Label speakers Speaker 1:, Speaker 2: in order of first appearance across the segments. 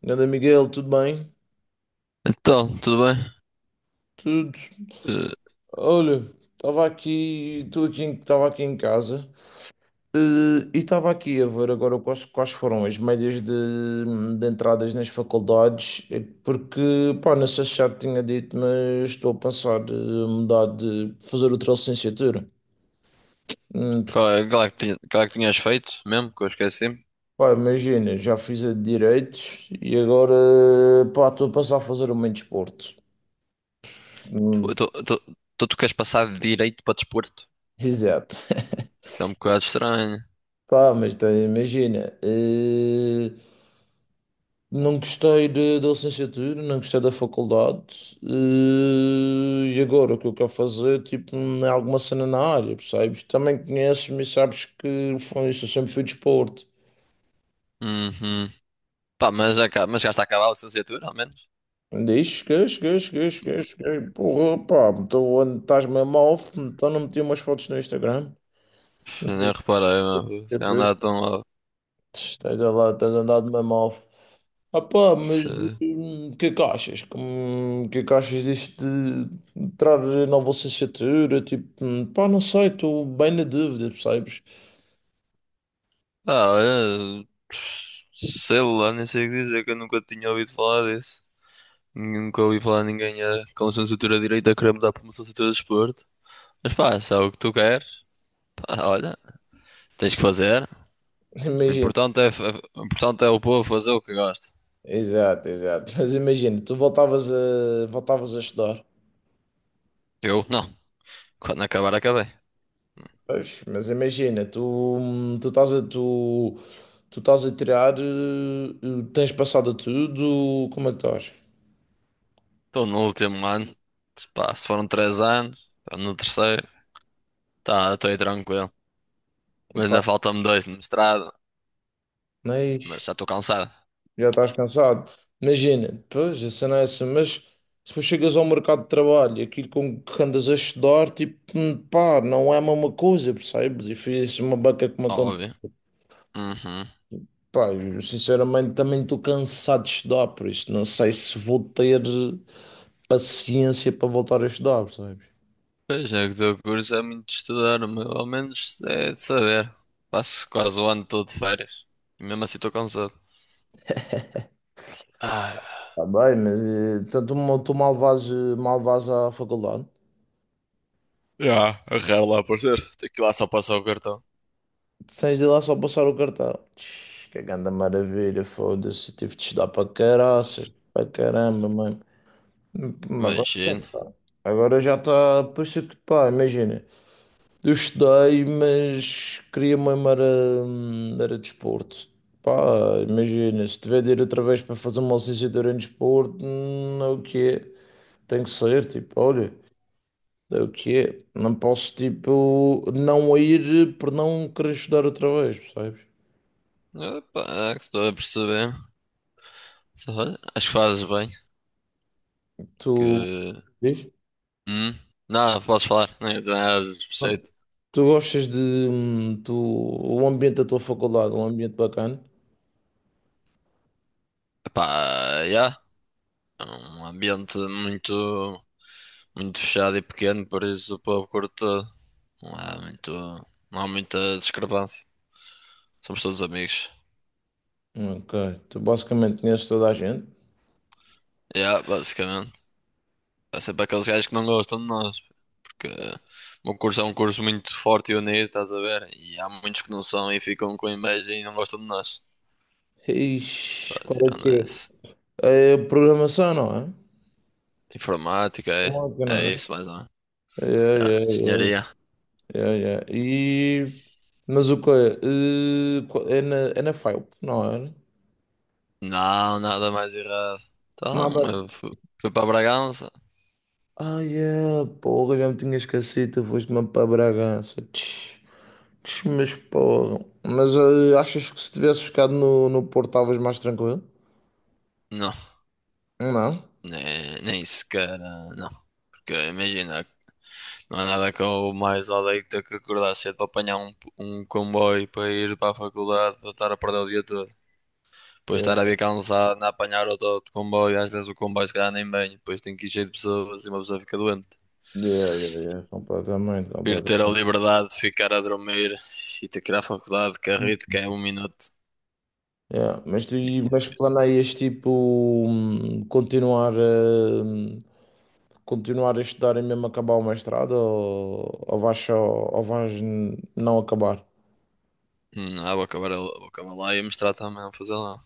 Speaker 1: Ganda Miguel, tudo bem?
Speaker 2: Então, tudo bem?
Speaker 1: Tudo.
Speaker 2: Eh,
Speaker 1: Olha, estava aqui em casa, eh, e estava aqui a ver agora quais foram as médias de entradas nas faculdades, porque, pá, não sei se já te tinha dito, mas estou a pensar mudar de fazer outra licenciatura. Hum,
Speaker 2: qual é que tinha- qual é que tinhas feito mesmo? Que eu esqueci.
Speaker 1: Pá, imagina, já fiz a de direitos e agora, pá, estou a pensar a fazer uma em desporto. Hum,
Speaker 2: Então tu queres passar de direito para desporto?
Speaker 1: Exato.
Speaker 2: Isso é um bocado estranho.
Speaker 1: Pá, mas tá, imagina. Não gostei da licenciatura, não gostei da faculdade, e agora o que eu quero fazer, tipo, é alguma cena na área, percebes? Também conheces-me e sabes que foi isso, eu sempre fui de esporte.
Speaker 2: Uhum. Pá, mas já está a acabar a licenciatura, ao menos.
Speaker 1: Diz, cheguei, porra, pá, então estás mesmo off, então não meti umas fotos no Instagram.
Speaker 2: Pff,
Speaker 1: Não tenho
Speaker 2: nem reparei, meu. Se
Speaker 1: licenciatura.
Speaker 2: andar tão lá.
Speaker 1: Estás a lá, estás andado mesmo off. Ah pá, mas
Speaker 2: Se...
Speaker 1: o que é que achas? O que é que achas disto de entrar na licenciatura? Tipo, pá, não sei, estou bem na dúvida, percebes?
Speaker 2: Ah, olha. Sei lá, nem sei o que dizer, que eu nunca tinha ouvido falar disso. Nunca ouvi falar de ninguém com licenciatura de direito a querer mudar para uma licenciatura de desporto. Mas pá, se é o que tu queres, pá, olha, tens que fazer. O
Speaker 1: Imagina,
Speaker 2: importante é o povo fazer o que gosta.
Speaker 1: exato, exato. Mas imagina, tu voltavas a estudar,
Speaker 2: Eu não. Quando acabar, acabei.
Speaker 1: pois, mas imagina, hum, tu estás a, tu, tu estás a tirar, tens passado a tudo, como é que estás?
Speaker 2: Estou no último ano. Se Pá, se foram 3 anos, estou no terceiro. Tá, estou aí tranquilo. Mas ainda faltam-me dois no mestrado.
Speaker 1: Pá,
Speaker 2: Mas já estou cansado.
Speaker 1: já estás cansado. Imagina, depois a cena é essa, mas depois chegas ao mercado de trabalho, e aquilo com que andas a estudar, tipo, pá, não é a mesma coisa, percebes? E fiz uma beca que me aconteceu.
Speaker 2: Óbvio. Uhum.
Speaker 1: Pá, eu, sinceramente também estou cansado de estudar, por isso não sei se vou ter paciência para voltar a estudar, percebes?
Speaker 2: Pois é, que o teu curso é muito estudar, mas ao menos é de saber. Passo quase o ano todo de férias. E mesmo assim estou cansado. ah
Speaker 1: Está bem, mas então tu, mal vais à faculdade.
Speaker 2: já, é raro lá aparecer. Tenho que ir lá só passar o cartão.
Speaker 1: Tens de lá só passar o cartão. Tch, que grande maravilha, foda-se. Tive de estudar para caraças, para caramba, mano. Hum, Agora,
Speaker 2: Imagino.
Speaker 1: agora já está. Puxa que pá, imagina. Eu estudei, mas queria mesmo era, era desporto. Pá, imagina, se tiver de ir outra vez para fazer uma licenciatura em desporto, é o que é. Tem que ser, tipo, olha, é o que é. Não posso, tipo, não ir por não querer estudar outra vez, percebes?
Speaker 2: Opa, é que estou a perceber. Acho que fazes bem.
Speaker 1: Tu.
Speaker 2: Que.
Speaker 1: Diz?
Speaker 2: Hum? Não, posso falar. Não ia dizer nada de especial.
Speaker 1: Pronto. Tu gostas de tu, o ambiente da tua faculdade, é um ambiente bacana?
Speaker 2: Epá, yeah. É um ambiente muito, muito fechado e pequeno, por isso o povo curte. Não há muito, não há muita discrepância. Somos todos amigos.
Speaker 1: Ok. Tu basicamente conheces toda a gente.
Speaker 2: Yeah, basicamente. Há sempre aqueles gajos que não gostam de nós, porque o meu curso é um curso muito forte e unido, estás a ver? E há muitos que não são e ficam com inveja e não gostam de nós. Pá,
Speaker 1: Ixi, qual é que
Speaker 2: tirando isso.
Speaker 1: é? É programação, não é?
Speaker 2: Informática, é,
Speaker 1: Informática, não
Speaker 2: é isso
Speaker 1: é?
Speaker 2: mais ou...
Speaker 1: É,
Speaker 2: Ah,
Speaker 1: é,
Speaker 2: senhoria,
Speaker 1: é, é, é. E mas o que é? É na FAUP, não é?
Speaker 2: não, nada mais errado. Então,
Speaker 1: Nada.
Speaker 2: eu fui para Bragança?
Speaker 1: Ai, é, porra, já me tinha esquecido, tu foste-me para Bragança. Tch. Mas porra. Mas achas que se tivesse ficado no Porto estavas mais tranquilo?
Speaker 2: Não,
Speaker 1: Não?
Speaker 2: nem sequer, não. Porque imagina, não há nada que eu mais odeio que ter que acordar cedo para apanhar um comboio para ir para a faculdade, para estar a perder o dia todo. Depois
Speaker 1: Yeah,
Speaker 2: estar a vir cansado, a apanhar outro comboio, às vezes o comboio se calhar nem bem, depois tem que ir cheio de pessoas e uma pessoa fica doente.
Speaker 1: yeah, yeah, yeah, completamente,
Speaker 2: Ir ter a
Speaker 1: completamente.
Speaker 2: liberdade de ficar a dormir e ter que ir à faculdade de carrito, que é 1 minuto.
Speaker 1: Yeah. Mas planeias tipo hum, continuar a, continuar a estudar e mesmo acabar o mestrado ou vais só, não acabar?
Speaker 2: Ah, vou acabar lá e a mostrar também a fazer lá.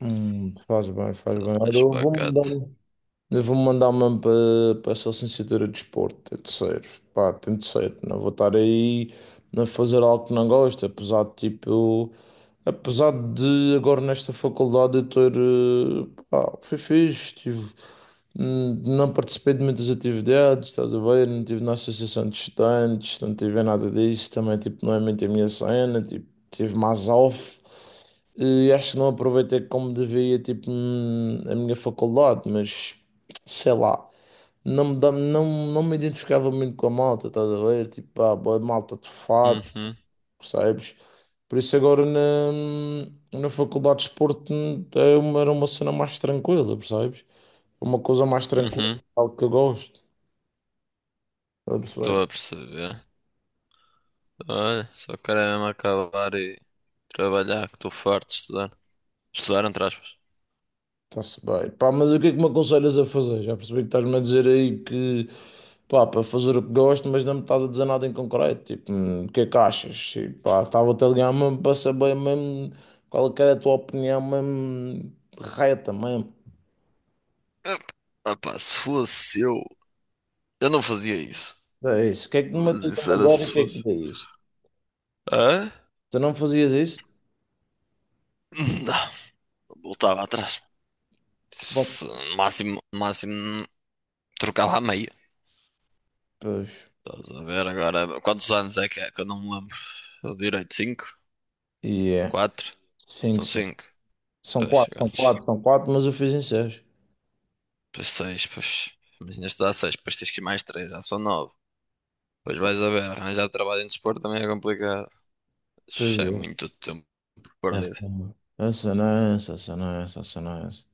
Speaker 1: Faz bem, faz
Speaker 2: Tudo
Speaker 1: bem. Olha,
Speaker 2: mais
Speaker 1: eu vou
Speaker 2: pacato.
Speaker 1: mandar. Eu vou mandar mesmo para essa licenciatura de desporto, tem de ser, pá, tem de ser. Não vou estar aí a fazer algo que não gosto, apesar de tipo, apesar de agora nesta faculdade eu ter, pá, foi fixe, tive, não participei de muitas atividades, estás a ver, não estive na associação de estudantes, não tive em nada disso, também tipo, não é muito a minha cena, tipo, tive mais off. E acho que não aproveitei como devia, tipo, a minha faculdade, mas sei lá, não me, dá- não, não me identificava muito com a malta, estás a ver? Tipo, ah, boa malta de fato,
Speaker 2: Uhum,
Speaker 1: percebes? Por isso agora na faculdade de desporto era uma cena mais tranquila, percebes? Uma coisa mais tranquila,
Speaker 2: uhum.
Speaker 1: algo que eu gosto. Está a perceber?
Speaker 2: Estou a perceber. Olha, só quero é mesmo acabar e trabalhar, que estou farto de estudar. Estudar, entre aspas.
Speaker 1: Está-se bem. Pá, mas o que é que me aconselhas a fazer? Já percebi que estás-me a dizer aí que pá, para fazer o que gosto, mas não me estás a dizer nada em concreto. Tipo, o que é que achas? E, pá, estava-te a ligar mesmo para saber mesmo qual é que era a tua opinião mesmo reta mesmo.
Speaker 2: Ah, ah, pá, se fosse eu, não fazia isso.
Speaker 1: É isso. O que é que me
Speaker 2: Mas
Speaker 1: matas
Speaker 2: isso
Speaker 1: numa
Speaker 2: era
Speaker 1: agora e o
Speaker 2: se
Speaker 1: que é que
Speaker 2: fosse.
Speaker 1: dizes?
Speaker 2: Hã?
Speaker 1: Tu não fazias isso?
Speaker 2: Não, voltava atrás.
Speaker 1: Bom,
Speaker 2: No máximo, no máximo, trocava a meia.
Speaker 1: pois.
Speaker 2: Estás a ver agora? Quantos anos é? Que eu não me lembro. Eu direito, cinco?
Speaker 1: E é.
Speaker 2: Quatro?
Speaker 1: Cinco,
Speaker 2: São
Speaker 1: sim.
Speaker 2: cinco.
Speaker 1: São
Speaker 2: Pois,
Speaker 1: quatro, são
Speaker 2: segundos.
Speaker 1: quatro, são quatro, mas eu fiz em seis.
Speaker 2: Pois seis, pois. Mas ainda estou seis, depois tens que ir mais três, já são nove. Depois vais a ver, arranjar trabalho em desporto também é complicado.
Speaker 1: Pois
Speaker 2: Isso é
Speaker 1: é.
Speaker 2: muito tempo
Speaker 1: Essa
Speaker 2: perdido.
Speaker 1: não é essa, não é essa, essa não é essa, essa não é essa.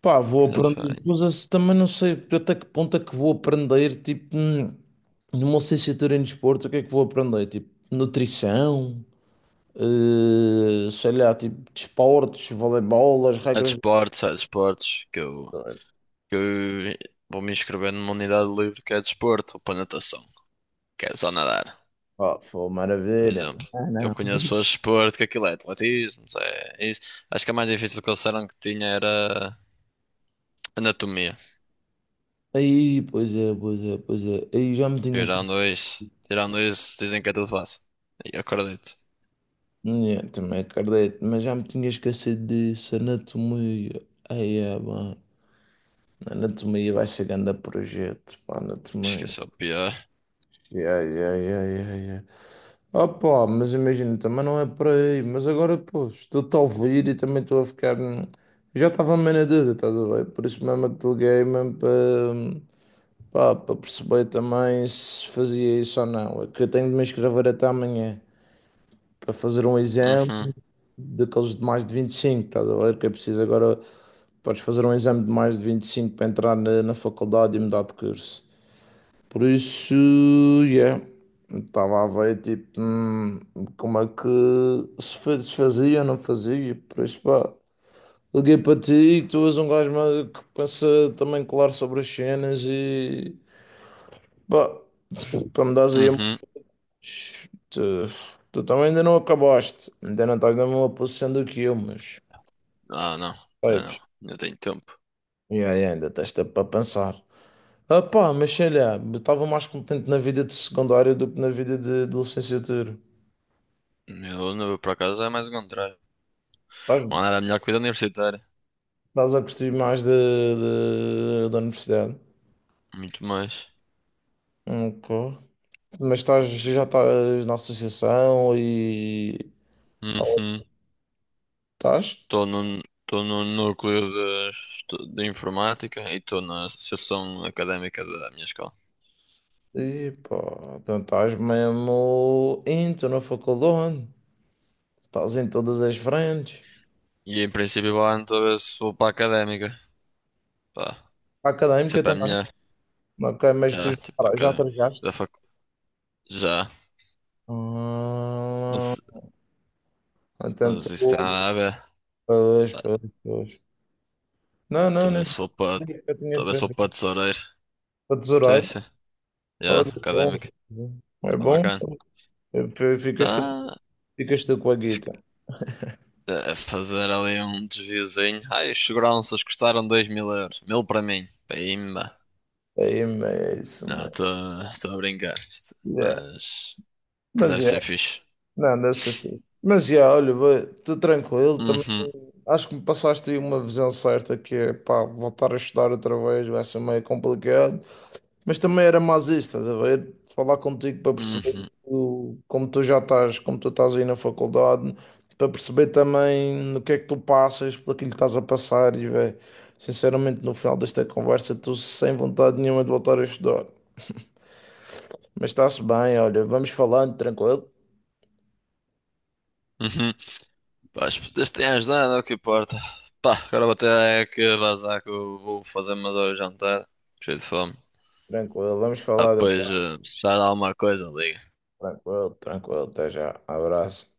Speaker 1: Pá, vou
Speaker 2: Mas,
Speaker 1: aprender
Speaker 2: bem,
Speaker 1: coisas, também não sei até que ponto é que vou aprender, tipo, numa licenciatura em desporto, o que é que vou aprender? Tipo, nutrição, sei lá, tipo, desportos, voleibol, as
Speaker 2: é
Speaker 1: regras.
Speaker 2: desportos, é desportos, que eu vou me inscrever numa unidade livre que é desporto, ou para natação, que é só nadar,
Speaker 1: Pá, foi
Speaker 2: por
Speaker 1: maravilha.
Speaker 2: exemplo.
Speaker 1: Ah,
Speaker 2: Eu
Speaker 1: não.
Speaker 2: conheço pessoas de desporto, que aquilo é atletismo, é isso. Acho que a mais difícil que eles disseram que tinha era anatomia.
Speaker 1: Aí, pois é, pois é, pois é. Aí já me tinha esquecido.
Speaker 2: Tirando isso, dizem que é tudo fácil. E eu acredito.
Speaker 1: Yeah, também acredito, mas já me tinha esquecido disso, anatomia. Aí, é, bom. Anatomia vai ser grande projeto, pá, anatomia.
Speaker 2: Esqueceu o pior.
Speaker 1: Yeah, yeah, yeah, yeah, yeah. Ah, pá, mas imagina, também não é por aí. Mas agora, pô, estou-te a ouvir e também estou a ficar. Já estava meio na dúvida, estás a ver? Por isso mesmo é que te liguei mesmo para perceber também se fazia isso ou não. É que eu tenho de me inscrever até amanhã para fazer um exame
Speaker 2: Uhum,
Speaker 1: daqueles de mais de 25, estás a ver? Que é preciso agora. Podes fazer um exame de mais de 25 para entrar na faculdade e mudar de curso. Por isso, yeah, estava a ver tipo como é que se fazia ou não fazia. Por isso, pá, liguei para ti, que tu és um gajo que pensa também claro sobre as cenas e pá, para me dares aí a
Speaker 2: uhum.
Speaker 1: mais. Tu também ainda não acabaste, ainda não estás na mesma posição do que eu, mas
Speaker 2: Ah, não, não,
Speaker 1: sabes,
Speaker 2: não. Eu tenho tempo.
Speaker 1: yeah, yeah, ainda tens tempo para pensar. Ah, pá, mas sei lá, estava mais contente na vida de secundária do que na vida de licenciatura.
Speaker 2: Meu número, por acaso, é mais o contrário.
Speaker 1: Pá,
Speaker 2: Mano, era a melhor que vida universitária.
Speaker 1: estás a curtir mais da universidade.
Speaker 2: Muito mais.
Speaker 1: Ok. Mas já estás na associação e. Ou
Speaker 2: Uhum.
Speaker 1: estás?
Speaker 2: Estou no núcleo de informática e estou na associação académica da minha escola.
Speaker 1: E pá, então estás mesmo into na faculdade. Estás em todas as frentes.
Speaker 2: E em princípio, vou lá então ver se vou para a académica. Pá, isso é
Speaker 1: Académica
Speaker 2: para a
Speaker 1: também.
Speaker 2: minha.
Speaker 1: Ok, mas
Speaker 2: É, tipo,
Speaker 1: já
Speaker 2: académica. Da
Speaker 1: trajaste?
Speaker 2: fac... Já.
Speaker 1: Ah,
Speaker 2: Não
Speaker 1: então
Speaker 2: existe
Speaker 1: tu.
Speaker 2: nada a ver.
Speaker 1: Pois,
Speaker 2: Pá,
Speaker 1: pois, pois. Não, não, não.
Speaker 2: Talvez se for para,
Speaker 1: Eu tinha
Speaker 2: talvez se for
Speaker 1: trajado.
Speaker 2: para tesoureiro.
Speaker 1: Para
Speaker 2: Sim,
Speaker 1: tesoureiro.
Speaker 2: sim. Já,
Speaker 1: Olha, bom.
Speaker 2: académico.
Speaker 1: É
Speaker 2: Está
Speaker 1: bom.
Speaker 2: bacana.
Speaker 1: Ficas tu,
Speaker 2: Tá
Speaker 1: ficas tu com a guita.
Speaker 2: a fazer ali um desviozinho. Ai, os seguranças custaram 2000 euros. 1000 para mim. Pimba.
Speaker 1: Aí mesmo,
Speaker 2: Não,
Speaker 1: mano.
Speaker 2: estou a brincar. Isto-
Speaker 1: Yeah.
Speaker 2: Mas, mas
Speaker 1: Mas
Speaker 2: deve ser
Speaker 1: é,
Speaker 2: fixe.
Speaker 1: não, deve ser fixe. Mas é, olha, estou tranquilo também.
Speaker 2: Uhum,
Speaker 1: Acho que me passaste aí uma visão certa que é, pá, voltar a estudar outra vez vai ser meio complicado. Mas também era mais isso, estás a ver? Falar contigo para perceber
Speaker 2: uhum,
Speaker 1: como tu já estás, como tu estás aí na faculdade, para perceber também no que é que tu passas, pelo que lhe estás a passar e, velho, sinceramente, no final desta conversa, estou sem vontade nenhuma de voltar a estudar. Mas está-se bem, olha, vamos falando, tranquilo?
Speaker 2: uhum. Pá, as putas têm ajudado, é o que importa. Pá, agora vou ter é que vazar que eu vou fazer mais ao jantar. Cheio de fome.
Speaker 1: Tranquilo, vamos
Speaker 2: Ah,
Speaker 1: falando
Speaker 2: pois,
Speaker 1: então.
Speaker 2: se precisar de alguma coisa, liga.
Speaker 1: Tranquilo, tranquilo, até já, abraço.